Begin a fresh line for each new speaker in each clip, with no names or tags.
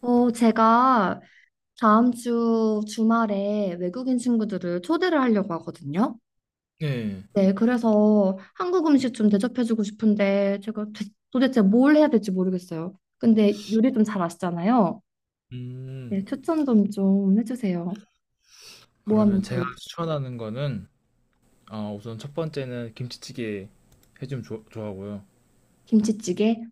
제가 다음 주 주말에 외국인 친구들을 초대를 하려고 하거든요.
네.
네, 그래서 한국 음식 좀 대접해주고 싶은데 도대체 뭘 해야 될지 모르겠어요. 근데 요리 좀 잘 아시잖아요. 네,
음.
추천 좀 해주세요. 뭐 하면
그러면 제가
좋을?
추천하는 거는 우선 첫 번째는 김치찌개 해주면 좋 좋아하고요.
김치찌개?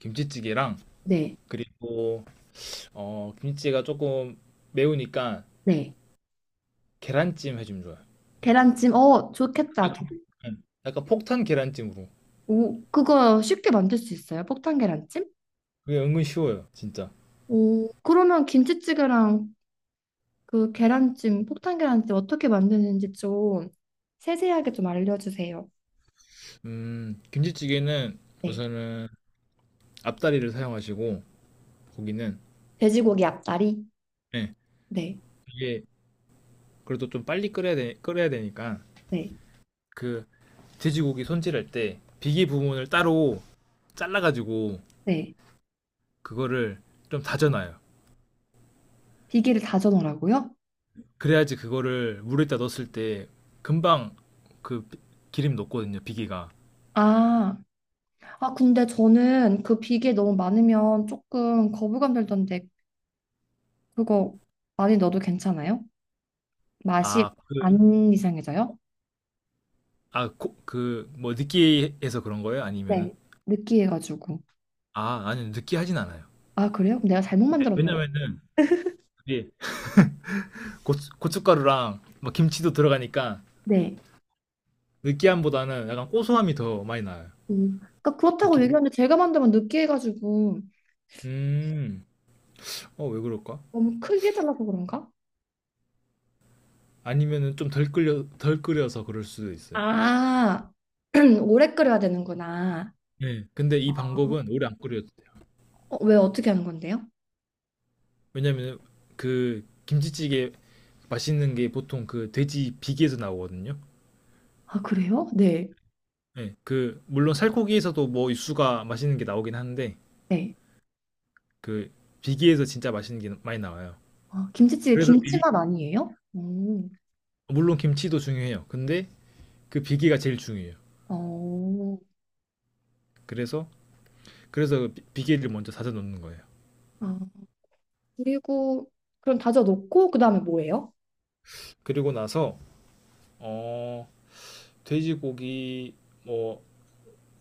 김치찌개랑
네,
그리고 김치찌개가 조금 매우니까
네.
계란찜 해주면 좋아요.
계란찜? 어, 좋겠다.
약간 약간 폭탄 계란찜으로.
오, 그거 쉽게 만들 수 있어요? 폭탄 계란찜?
그게 은근 쉬워요, 진짜.
오, 그러면 김치찌개랑 그 계란찜, 폭탄 계란찜 어떻게 만드는지 좀 세세하게 좀 알려주세요.
김치찌개는
네.
우선은 앞다리를 사용하시고 고기는
돼지고기 앞다리?
네,
네.
이게 그래도 좀 빨리 끓여야 되니까
네.
그 돼지고기 손질할 때 비계 부분을 따로 잘라가지고
네.
그거를 좀 다져놔요.
비계를 다져 넣으라고요?
그래야지 그거를 물에다 넣었을 때 금방 그 기름 녹거든요. 비계가.
아, 아, 근데 저는 그 비계 너무 많으면 조금 거부감 들던데 그거 많이 넣어도 괜찮아요? 맛이
아, 그,
안 이상해져요?
뭐, 느끼해서 그런 거예요? 아니면은?
네. 느끼해가지고.
아, 아니요. 느끼하진 않아요.
아, 그래요? 그럼 내가 잘못 만들었나 봐.
왜냐면은, 그게 고춧가루랑 막 김치도 들어가니까
네.
느끼함보다는 약간 고소함이 더 많이 나요.
음. 그러니까
그
그렇다고
기름.
얘기하는데 제가 만들면 느끼해가지고
음, 왜 그럴까?
너무 크게 달라고 그런가?
아니면은 좀 덜 끓여서 그럴 수도 있어요.
아, 오래 끓여야 되는구나.
네, 근데 이 방법은 오래 안 끓여도 돼요.
왜 어떻게 하는 건데요?
왜냐면 그 김치찌개 맛있는 게 보통 그 돼지 비계에서 나오거든요.
아, 그래요? 네.
네, 그 물론 살코기에서도 뭐 육수가 맛있는 게 나오긴 한데
네.
그 비계에서 진짜 맛있는 게 많이 나와요.
아, 김치찌개
그래서 비-
김치맛 아니에요? 오,
물론 김치도 중요해요. 근데 그 비계가 제일 중요해요.
어,
그래서 그래서 그 비계를 먼저 다져 놓는 거예요.
아, 그리고 그럼 다져 놓고 그다음에 뭐예요?
그리고 나서 어 돼지고기 뭐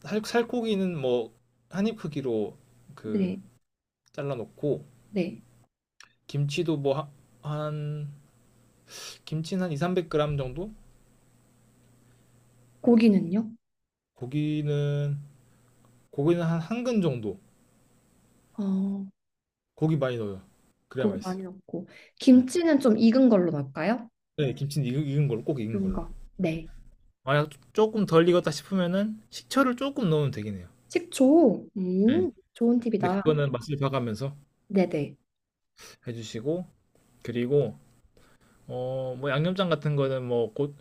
살코기는 뭐 한입 크기로 그
네,
잘라 놓고
네.
김치도 뭐 한 김치는 한 2, 300g 정도?
고기는요?
고기는 고기는 한 한 근 정도.
어,
고기 많이 넣어요. 그래야
고기 많이
맛있어요.
넣고 김치는 좀 익은 걸로 넣을까요?
네, 김치는 익은 걸로 꼭 익은
익은
걸로.
거 네.
만약 조금 덜 익었다 싶으면은 식초를 조금 넣으면 되긴 해요.
식초.
네.
좋은
근데
팁이다.
그거는 맛을 봐가면서
네네.
해주시고 그리고 뭐 양념장 같은 거는 뭐 곧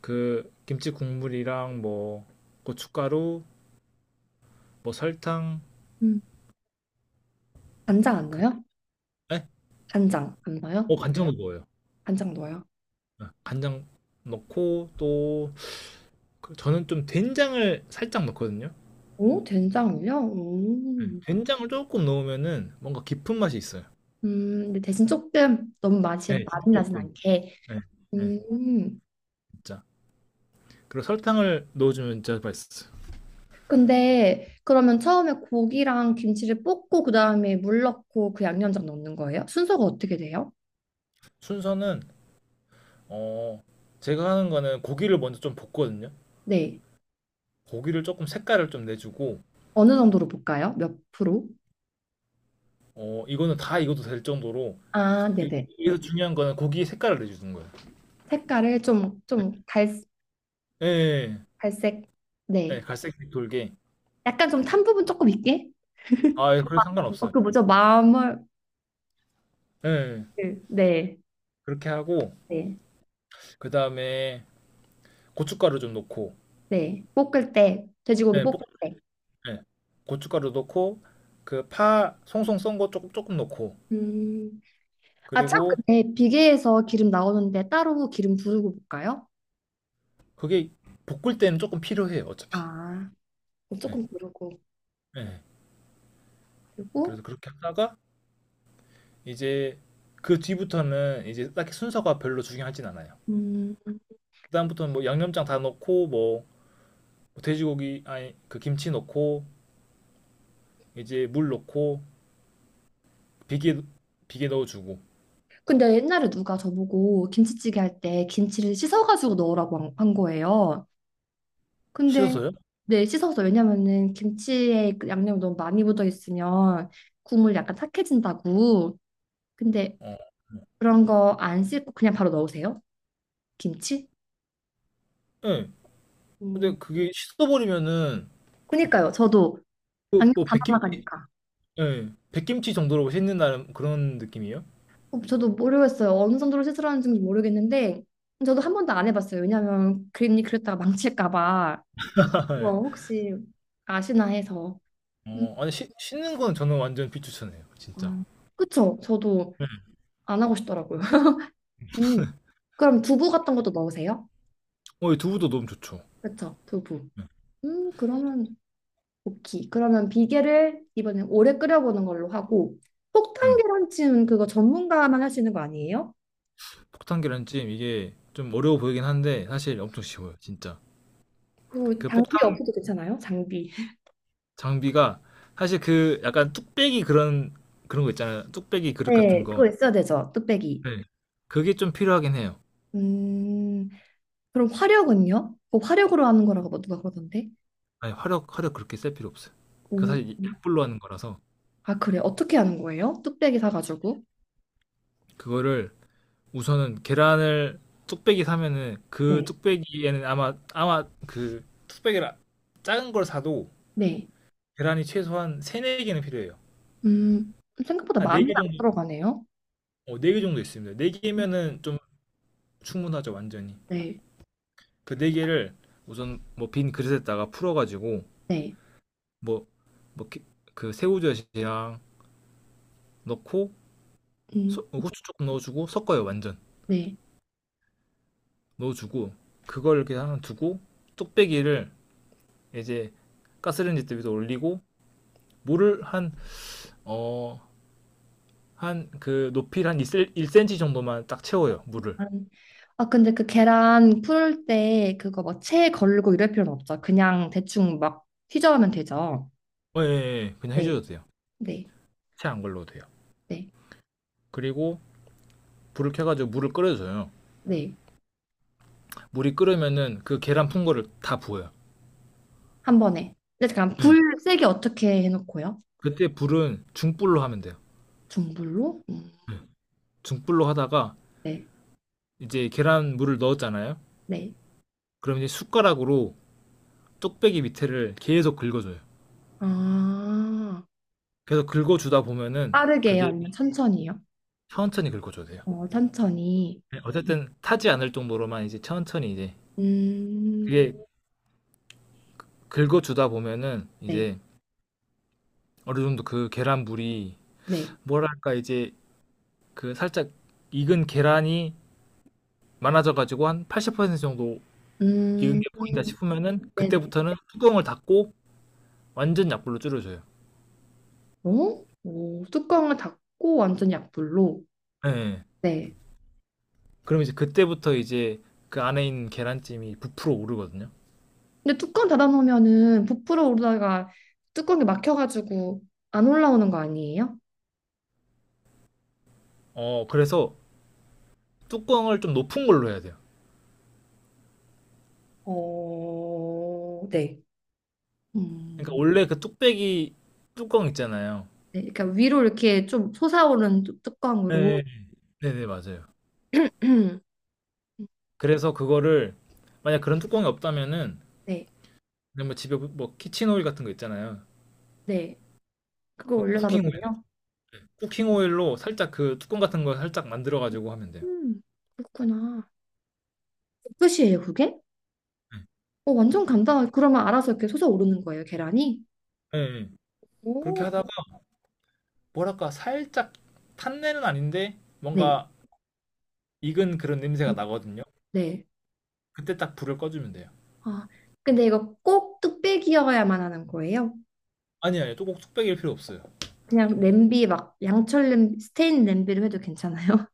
그 김치 국물이랑 뭐 고춧가루 뭐 설탕
음, 간장 안
그
넣어요?
에?
간장 안 넣어요?
간장도 넣어요.
간장 넣어요.
네, 간장 넣고 또 그 저는 좀 된장을 살짝 넣거든요.
오, 된장이요?
예.
음.
된장을 조금 넣으면은 뭔가 깊은 맛이 있어요.
근데 대신 조금 너무 맛이
예, 진짜
많이 나진
조금.
않게.
예, 예,
음.
진짜. 그리고 설탕을 넣어주면 진짜 맛있어요.
근데 그러면 처음에 고기랑 김치를 볶고 그다음에 물 넣고 그 양념장 넣는 거예요? 순서가 어떻게 돼요?
순서는 어 제가 하는 거는 고기를 먼저 좀 볶거든요.
네.
고기를 조금 색깔을 좀 내주고
어느 정도로 볶아요? 몇 프로?
이거는 다 익어도 될 정도로
아,
이-
네네.
여기서 중요한 거는 고기 색깔을 내주는 거예요.
색깔을 좀,
예, 예,
갈색.
예. 예,
네.
갈색색 돌게.
약간 좀 탄 부분 조금 있게?
아, 예, 그래
어,
상관없어요.
그 뭐죠? 마물.
예, 예.
네.
그렇게 하고
네.
그 다음에 고춧가루 좀 넣고
네. 볶을 때, 돼지고기
예,
볶을 때.
네. 고춧가루 넣고 그 파 송송 썬 거 조금 조금 넣고
음. 아, 참,
그리고
근데 비계에서 기름 나오는데 따로 기름 두르고 볶아요?
그게 볶을 때는 조금 필요해요 어차피.
아,
예
조금 두르고.
예.
그리고,
그래서 그렇게 하다가 이제 그 뒤부터는 이제 딱히 순서가 별로 중요하진 않아요.
음,
그다음부터는 뭐 양념장 다 넣고 뭐 돼지고기 아니 그 김치 넣고 이제 물 넣고 비계 비계 넣어주고.
근데 옛날에 누가 저보고 김치찌개 할 때 김치를 씻어가지고 넣으라고 한 거예요. 근데,
씻어서요?
네, 씻어서, 왜냐면은 김치에 그 양념이 너무 많이 묻어 있으면 국물 약간 탁해진다고. 근데
어.
그런 거 안 씻고 그냥 바로 넣으세요? 김치?
네. 근데
음,
그게 씻어버리면은
그니까요. 저도 양념
그뭐
다
백김
날아가니까.
예, 백김치 정도로 씻는다는 그런 느낌이에요?
어, 저도 모르겠어요. 어느 정도로 시술하는지 모르겠는데 저도 한 번도 안 해봤어요. 왜냐하면 괜히 그랬다가 망칠까 봐. 그래서 혹시 아시나 해서. 음.
아니 씻는 건 저는 완전 비추천해요, 진짜.
아, 그쵸? 저도 안 하고 싶더라고요. 음. 그럼 두부 같은 것도 넣으세요?
이 두부도 너무 좋죠.
그쵸? 두부.
네,
그러면 오케이. 그러면 비계를 이번엔 오래 끓여보는 걸로 하고 폭탄
네.
계란찜 그거 전문가만 할 수 있는 거 아니에요?
폭탄 계란찜 이게 좀 어려워 보이긴 한데 사실 엄청 쉬워요, 진짜.
그
그
장비
폭탄
없어도 괜찮아요? 장비.
장비가 사실 그 약간 뚝배기 그런 거 있잖아요, 뚝배기 그릇 같은
네,
거.
그거 있어야 되죠. 뚝배기.
네, 그게 좀 필요하긴 해요.
음. 그럼 화력은요? 그 화력으로 하는 거라고 뭐 누가 그러던데?
아니 화력 그렇게 쓸 필요 없어요. 그
오,
사실 약불로 하는 거라서
아, 그래. 어떻게 하는 거예요? 뚝배기 사가지고.
그거를 우선은 계란을 뚝배기 사면은 그
네.
뚝배기에는 아마 그 뚝배기를 작은 걸 사도
네.
계란이 최소한 3-4개는 필요해요.
음, 생각보다
한
많이
4개
안
정도,
들어가네요.
네 개 정도 있습니다.
음,
4개면은 좀 충분하죠, 완전히.
네.
그 4개를 우선 뭐 빈 그릇에다가 풀어가지고,
네.
뭐, 뭐, 그 새우젓이랑 넣고,
음,
후추 조금 넣어주고, 섞어요, 완전.
네.
넣어주고, 그걸 이렇게 하나 두고, 뚝배기를 이제 가스레인지 때 위에 올리고, 물을 어, 한 그 높이를 한 1cm 정도만 딱 채워요, 물을.
안- 아, 근데 그 계란 풀 때 그거 뭐 채 걸고 이럴 필요는 없죠. 그냥 대충 막 휘저으면 되죠.
예, 예, 예. 그냥
네.
해줘도 돼요.
네.
채 안 걸러도 돼요.
네.
그리고 불을 켜가지고 물을 끓여줘요.
네.
물이 끓으면은 그 계란 푼 거를 다 부어요.
한 번에. 근데 잠깐
네.
불 세게 어떻게 해놓고요?
그때 불은 중불로 하면 돼요.
중불로?
네. 중불로 하다가
네.
이제 계란 물을 넣었잖아요.
네.
그럼 이제 숟가락으로 쪽배기 밑에를 계속 긁어줘요.
아.
계속 긁어주다 보면은
빠르게요?
그게
아니면 천천히요?
천천히 긁어줘야 돼요.
어, 천천히.
네. 어쨌든 타지 않을 정도로만 이제 천천히 이제
음,
그게 긁어주다 보면은
네,
이제 어느 정도 그 계란 물이
네.
뭐랄까 이제 그 살짝 익은 계란이 많아져가지고 한 80% 정도 익은
음,
게 보인다
음,
싶으면은
네네.
그때부터는 뚜껑을 닫고 완전 약불로 줄여줘요.
어? 오, 뚜껑을 닫고 완전 약불로.
예.
네.
그럼 이제 그때부터 이제 그 안에 있는 계란찜이 부풀어 오르거든요.
근데 뚜껑 닫아놓으면은 부풀어 오르다가 뚜껑이 막혀가지고 안 올라오는 거 아니에요?
그래서 뚜껑을 좀 높은 걸로 해야 돼요.
어, 네.
그러니까
음,
원래 그 뚝배기 뚜껑 있잖아요.
네. 그러니까 위로 이렇게 좀 솟아오른 뚜껑으로.
네, 네네, 맞아요. 그래서 그거를 만약 그런 뚜껑이 없다면은
네,
그냥 뭐 집에 뭐 키친 오일 같은 거 있잖아요.
네. 그거
어,
올려놔도
쿠킹 오일,
돼요?
쿠킹 오일로 살짝 그 뚜껑 같은 거 살짝 만들어 가지고 하면 돼요.
음, 그렇구나. 끝이에요, 그게? 어, 완전 간단하게. 그러면 알아서 이렇게 솟아오르는 거예요, 계란이?
예, 예. 예. 그렇게
오,
하다가 뭐랄까 살짝 탄내는 아닌데
네.
뭔가 익은 그런 냄새가 나거든요.
네.
그때 딱 불을 꺼주면 돼요.
아, 근데 이거 꼭 뚝배기여야만 하는 거예요?
아니 아니 또꼭 뚝배기일 필요 없어요.
그냥 냄비 막 양철 냄비, 스테인 냄비로 해도 괜찮아요?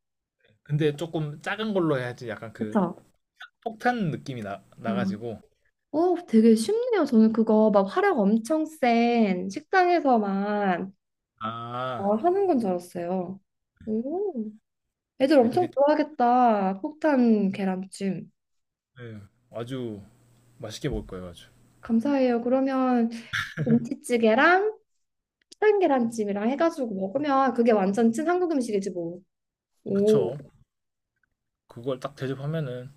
근데 조금 작은 걸로 해야지 약간 그
그쵸?
폭탄 느낌이
아,
나가지고.
어, 되게 쉽네요. 저는 그거 막 화력 엄청 센 식당에서만
아
어, 하는 건 줄 알았어요. 오, 애들
근데
엄청
그게
좋아하겠다. 폭탄 계란찜.
예, 아주 맛있게 먹을 거예요 아주.
감사해요. 그러면 김치찌개랑 산 계란찜이랑 해가지고 먹으면 그게 완전 찐 한국 음식이지 뭐. 오,
그쵸? 그걸 딱 대접하면은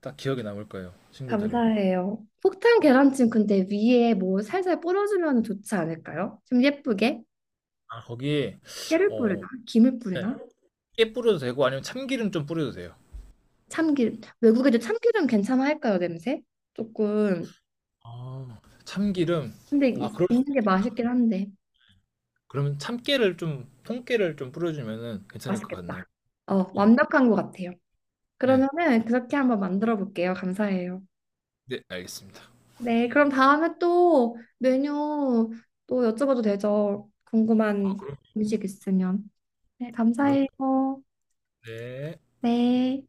딱 기억에 남을 거예요 친구들이.
감사해요. 폭탄 계란찜 근데 위에 뭐 살살 뿌려주면 좋지 않을까요? 좀 예쁘게?
거기에
깨를 뿌리나?
어
김을
네,
뿌리나?
깨 뿌려도 되고 아니면 참기름 좀 뿌려도 돼요.
참기름. 외국에도 참기름 괜찮아 할까요, 냄새? 조금.
참기름.
근데
아 그럴
있는
수도
게
있겠다.
맛있긴 한데.
그러면 참깨를 좀 통깨를 좀 뿌려주면은 괜찮을 것
맛있겠다.
같네요.
어,
네.
완벽한 것 같아요.
네.
그러면은 그렇게 한번 만들어 볼게요. 감사해요.
네, 알겠습니다.
네, 그럼 다음에 또 메뉴 또 여쭤봐도 되죠?
아,
궁금한
그럼
음식 있으면. 네,
그럼
감사해요.
네.
네.